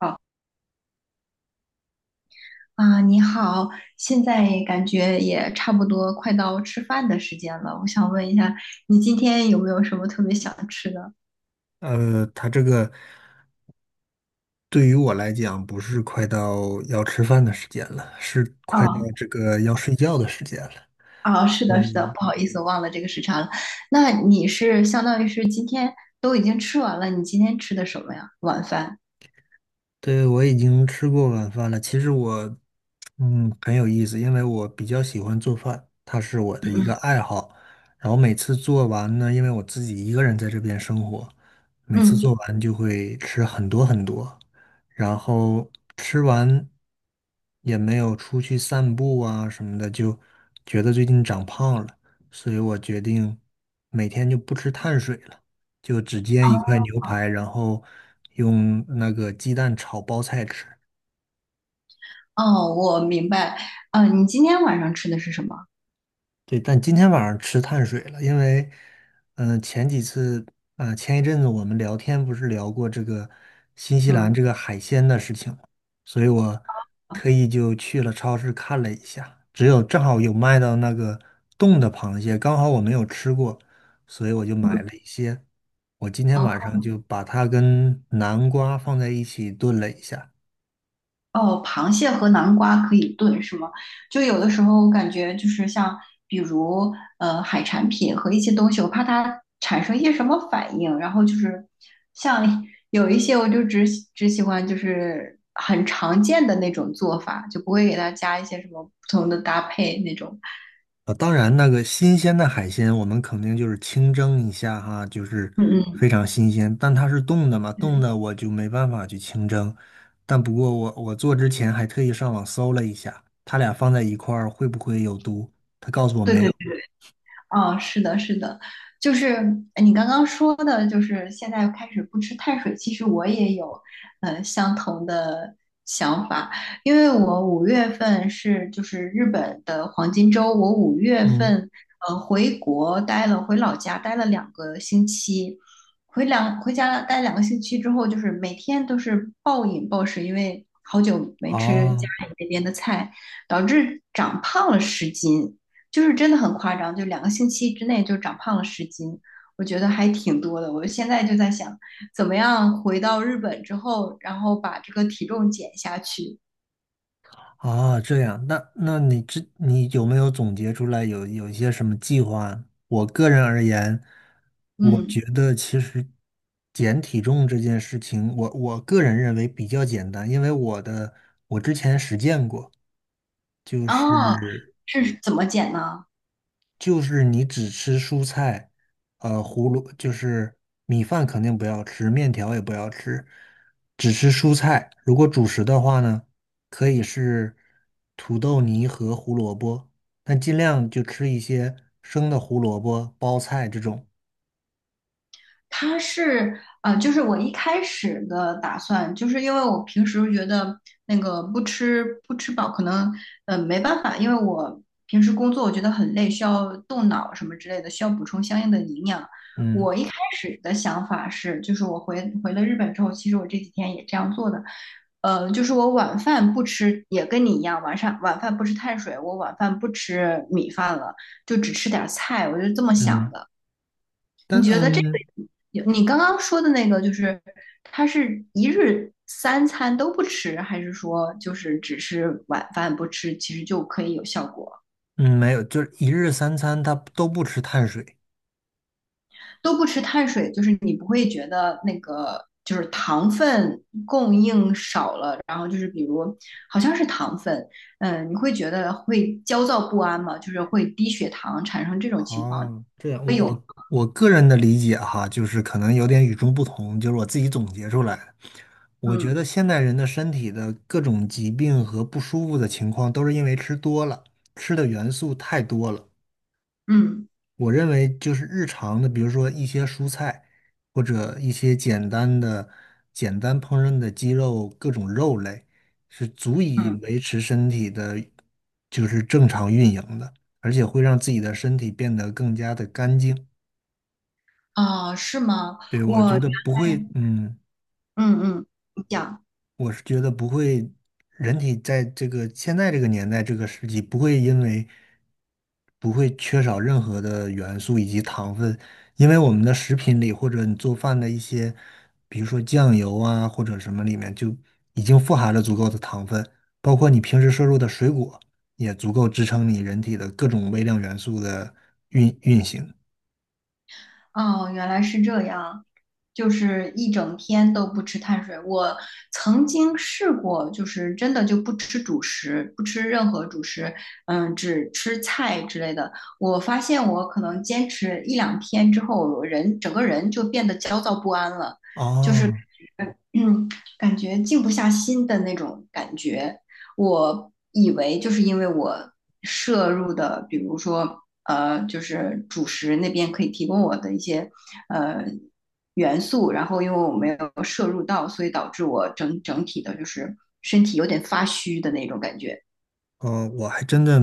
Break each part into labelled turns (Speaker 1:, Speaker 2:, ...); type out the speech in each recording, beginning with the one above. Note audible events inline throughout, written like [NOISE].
Speaker 1: 好啊，你好，现在感觉也差不多快到吃饭的时间了，我想问一下，你今天有没有什么特别想吃的？
Speaker 2: 他这个对于我来讲，不是快到要吃饭的时间了，是快到
Speaker 1: 啊
Speaker 2: 这个要睡觉的时间了。
Speaker 1: 啊，是
Speaker 2: 对。
Speaker 1: 的，是的，不好意思，我忘了这个时差了。那你是相当于是今天都已经吃完了，你今天吃的什么呀？晚饭？
Speaker 2: 对，我已经吃过晚饭了。其实我，很有意思，因为我比较喜欢做饭，它是我的一个爱好。然后每次做完呢，因为我自己一个人在这边生活，每次
Speaker 1: 嗯。
Speaker 2: 做完就会吃很多很多，然后吃完也没有出去散步啊什么的，就觉得最近长胖了，所以我决定每天就不吃碳水了。就只煎一块牛排，然后用那个鸡蛋炒包菜吃。
Speaker 1: 哦，我明白。啊，你今天晚上吃的是什么？
Speaker 2: 对，但今天晚上吃碳水了，因为，前几次，前一阵子我们聊天不是聊过这个新西兰
Speaker 1: 嗯。
Speaker 2: 这个海鲜的事情吗？所以我
Speaker 1: 哦
Speaker 2: 特意就去了超市看了一下，只有正好有卖到那个冻的螃蟹，刚好我没有吃过，所以我就买了一些。我今天
Speaker 1: 哦
Speaker 2: 晚上就把它跟南瓜放在一起炖了一下。
Speaker 1: 哦，螃蟹和南瓜可以炖是吗？就有的时候我感觉就是像，比如海产品和一些东西，我怕它产生一些什么反应，然后就是像有一些我就只喜欢就是很常见的那种做法，就不会给它加一些什么不同的搭配那种。
Speaker 2: 当然，那个新鲜的海鲜，我们肯定就是清蒸一下哈，就是非
Speaker 1: 嗯
Speaker 2: 常新鲜。但它是冻的嘛，冻
Speaker 1: 嗯，
Speaker 2: 的我就没办法去清蒸。但不过我做之前还特意上网搜了一下，它俩放在一块儿会不会有毒？他告诉我
Speaker 1: 对
Speaker 2: 没
Speaker 1: 对，
Speaker 2: 有。
Speaker 1: 哦，是的，是的，就是你刚刚说的，就是现在开始不吃碳水。其实我也有，相同的想法，因为我五月份就是日本的黄金周，我五月
Speaker 2: 嗯。
Speaker 1: 份回国待了，回老家待了两个星期，回家待两个星期之后，就是每天都是暴饮暴食，因为好久没吃家
Speaker 2: 哦。
Speaker 1: 里那边的菜，导致长胖了十斤。就是真的很夸张，就两个星期之内就长胖了十斤，我觉得还挺多的。我现在就在想，怎么样回到日本之后，然后把这个体重减下去。
Speaker 2: 啊，这样，那你这你有没有总结出来有一些什么计划？我个人而言，我觉
Speaker 1: 嗯。
Speaker 2: 得其实减体重这件事情，我个人认为比较简单，因为我的我之前实践过，就
Speaker 1: 哦，
Speaker 2: 是
Speaker 1: 是怎么减呢？
Speaker 2: 你只吃蔬菜，呃，胡萝就是米饭肯定不要吃，面条也不要吃，只吃蔬菜。如果主食的话呢，可以是土豆泥和胡萝卜，但尽量就吃一些生的胡萝卜、包菜这种。
Speaker 1: 它是就是我一开始的打算，就是因为我平时觉得那个不吃饱，可能没办法，因为我平时工作我觉得很累，需要动脑什么之类的，需要补充相应的营养。
Speaker 2: 嗯
Speaker 1: 我一开始的想法是，就是我回了日本之后，其实我这几天也这样做的，就是我晚饭不吃，也跟你一样，晚上晚饭不吃碳水，我晚饭不吃米饭了，就只吃点菜，我就这么想
Speaker 2: 嗯。
Speaker 1: 的。
Speaker 2: 但
Speaker 1: 你觉得这
Speaker 2: 嗯
Speaker 1: 个你刚刚说的那个，就是他是一日三餐都不吃，还是说就是只是晚饭不吃，其实就可以有效果？
Speaker 2: 嗯没有，就是一日三餐他都不吃碳水。
Speaker 1: 都不吃碳水，就是你不会觉得那个就是糖分供应少了，然后就是比如好像是糖分，嗯，你会觉得会焦躁不安吗？就是会低血糖产生这种情况？
Speaker 2: 哦，这样，我个人的理解哈，就是可能有点与众不同，就是我自己总结出来的。我觉
Speaker 1: 嗯
Speaker 2: 得现代人的身体的各种疾病和不舒服的情况，都是因为吃多了，吃的元素太多了。
Speaker 1: 嗯
Speaker 2: 我认为就是日常的，比如说一些蔬菜，或者一些简单的、简单烹饪的鸡肉，各种肉类，是足以
Speaker 1: 嗯，嗯
Speaker 2: 维持身体的，就是正常运营的，而且会让自己的身体变得更加的干净。
Speaker 1: 啊，是吗？
Speaker 2: 对，我
Speaker 1: 我
Speaker 2: 觉
Speaker 1: 原
Speaker 2: 得不会，
Speaker 1: 来
Speaker 2: 嗯。
Speaker 1: 嗯嗯，你讲。
Speaker 2: 我是觉得不会，人体在这个现在这个年代这个时期不会因为不会缺少任何的元素以及糖分，因为我们的食品里或者你做饭的一些，比如说酱油啊或者什么里面就已经富含了足够的糖分，包括你平时摄入的水果也足够支撑你人体的各种微量元素的运行。
Speaker 1: 哦，原来是这样，就是一整天都不吃碳水。我曾经试过，就是真的就不吃主食，不吃任何主食，嗯，只吃菜之类的。我发现我可能坚持一两天之后，我人整个人就变得焦躁不安了，就是
Speaker 2: 啊。
Speaker 1: 嗯，感觉静不下心的那种感觉。我以为就是因为我摄入的，比如说就是主食那边可以提供我的一些呃元素，然后因为我没有摄入到，所以导致我整体的就是身体有点发虚的那种感觉。
Speaker 2: 我还真的，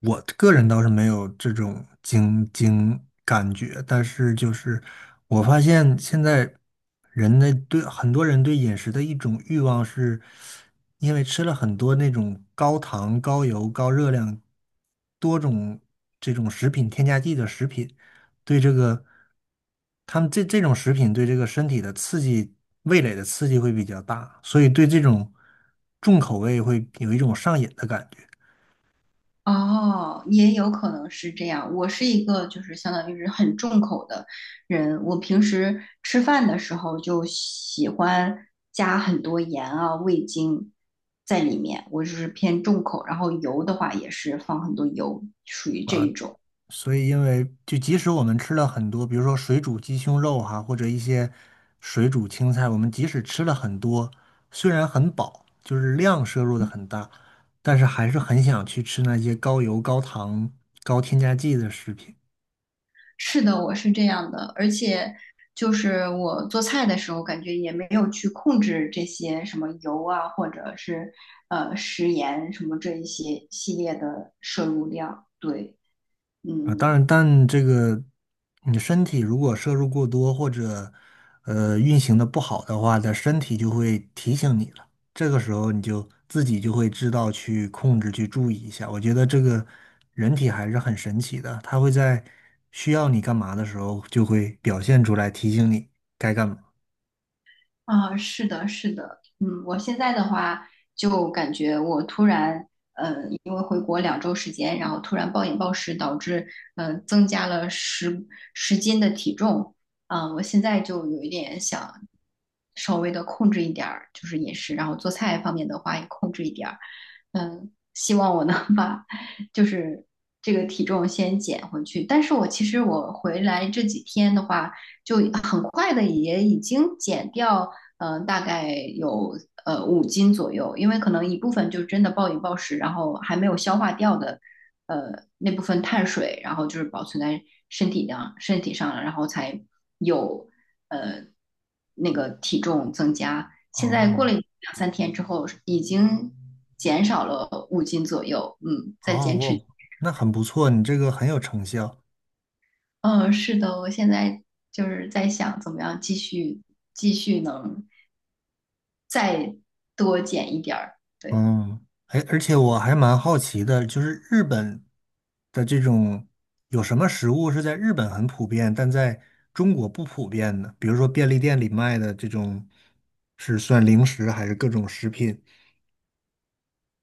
Speaker 2: 我个人倒是没有这种感觉，但是就是我发现现在人的对很多人对饮食的一种欲望是，因为吃了很多那种高糖、高油、高热量、多种这种食品添加剂的食品，对这个，他们这种食品对这个身体的刺激，味蕾的刺激会比较大，所以对这种重口味会有一种上瘾的感觉。
Speaker 1: 哦，也有可能是这样。我是一个就是相当于是很重口的人，我平时吃饭的时候就喜欢加很多盐啊、味精在里面，我就是偏重口。然后油的话也是放很多油，属于这
Speaker 2: 啊。
Speaker 1: 一种。
Speaker 2: 所以，因为就即使我们吃了很多，比如说水煮鸡胸肉哈、或者一些水煮青菜，我们即使吃了很多，虽然很饱，就是量摄入的很大，但是还是很想去吃那些高油、高糖、高添加剂的食品。
Speaker 1: 是的，我是这样的，而且就是我做菜的时候，感觉也没有去控制这些什么油啊，或者是食盐什么这一些系列的摄入量，对。
Speaker 2: 啊，当
Speaker 1: 嗯，
Speaker 2: 然，但这个你身体如果摄入过多或者运行的不好的话，它身体就会提醒你了。这个时候你就自己就会知道去控制、去注意一下。我觉得这个人体还是很神奇的，它会在需要你干嘛的时候就会表现出来，提醒你该干嘛。
Speaker 1: 啊，是的，是的，嗯，我现在的话就感觉我突然，因为回国2周时间，然后突然暴饮暴食，导致增加了十斤的体重，嗯，我现在就有一点想稍微的控制一点儿，就是饮食，然后做菜方面的话也控制一点儿，嗯，希望我能 [LAUGHS] 把就是这个体重先减回去，但是我其实我回来这几天的话。就很快的也已经减掉大概有五斤左右，因为可能一部分就真的暴饮暴食，然后还没有消化掉的，那部分碳水，然后就是保存在身体上了，然后才有呃那个体重增加。现在过
Speaker 2: 哦。
Speaker 1: 了两三天之后，已经减少了五斤左右，嗯，在
Speaker 2: 哦，
Speaker 1: 减脂。
Speaker 2: 我那很不错，你这个很有成效。
Speaker 1: 嗯，是的，我现在就是在想怎么样继续能再多减一点儿，对。
Speaker 2: 嗯，哎，而且我还蛮好奇的，就是日本的这种有什么食物是在日本很普遍，但在中国不普遍的？比如说便利店里卖的这种，是算零食还是各种食品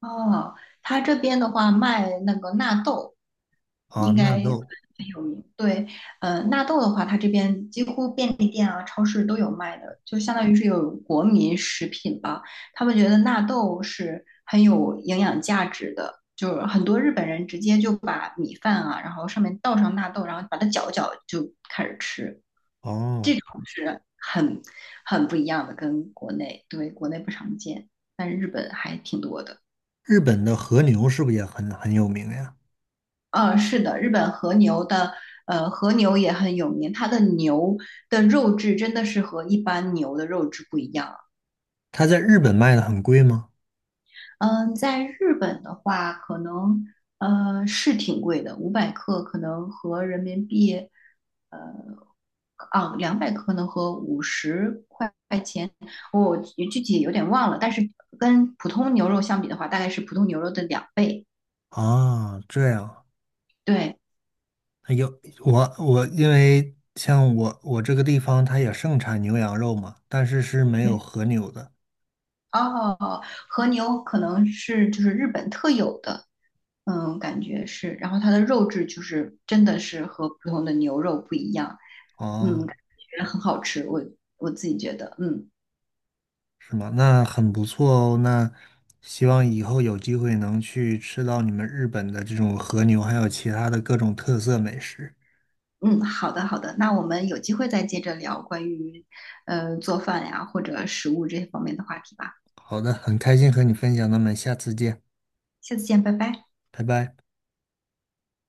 Speaker 1: 哦，他这边的话卖那个纳豆，
Speaker 2: 啊？
Speaker 1: 应该
Speaker 2: 纳豆
Speaker 1: 很有名。对，纳豆的话，它这边几乎便利店啊、超市都有卖的，就相当于是有国民食品吧。他们觉得纳豆是很有营养价值的，就是很多日本人直接就把米饭啊，然后上面倒上纳豆，然后把它搅一搅就开始吃，
Speaker 2: 哦，
Speaker 1: 是很不一样的，跟国内，对，国内不常见，但是日本还挺多的。
Speaker 2: 日本的和牛是不是也很有名呀？
Speaker 1: 是的，日本和牛的，和牛也很有名，它的牛的肉质真的是和一般牛的肉质不一样。
Speaker 2: 它在日本卖的很贵吗？
Speaker 1: 嗯，在日本的话，可能是挺贵的，500克可能和人民币，呃，200克可能和50块钱，我具体有点忘了，但是跟普通牛肉相比的话，大概是普通牛肉的2倍。
Speaker 2: 啊，这样，
Speaker 1: 对，
Speaker 2: 哎有我因为像我这个地方它也盛产牛羊肉嘛，但是是没有和牛的。
Speaker 1: 哦，和牛可能就是日本特有的，嗯，感觉是，然后它的肉质就是真的是和普通的牛肉不一样，嗯，
Speaker 2: 哦，
Speaker 1: 感觉很好吃，我自己觉得，嗯
Speaker 2: 是吗？那很不错哦。那希望以后有机会能去吃到你们日本的这种和牛，还有其他的各种特色美食。
Speaker 1: 嗯，好的好的，那我们有机会再接着聊关于做饭呀或者食物这些方面的话题吧，
Speaker 2: 好的，很开心和你分享，那么下次见，
Speaker 1: 下次见，拜拜。
Speaker 2: 拜拜。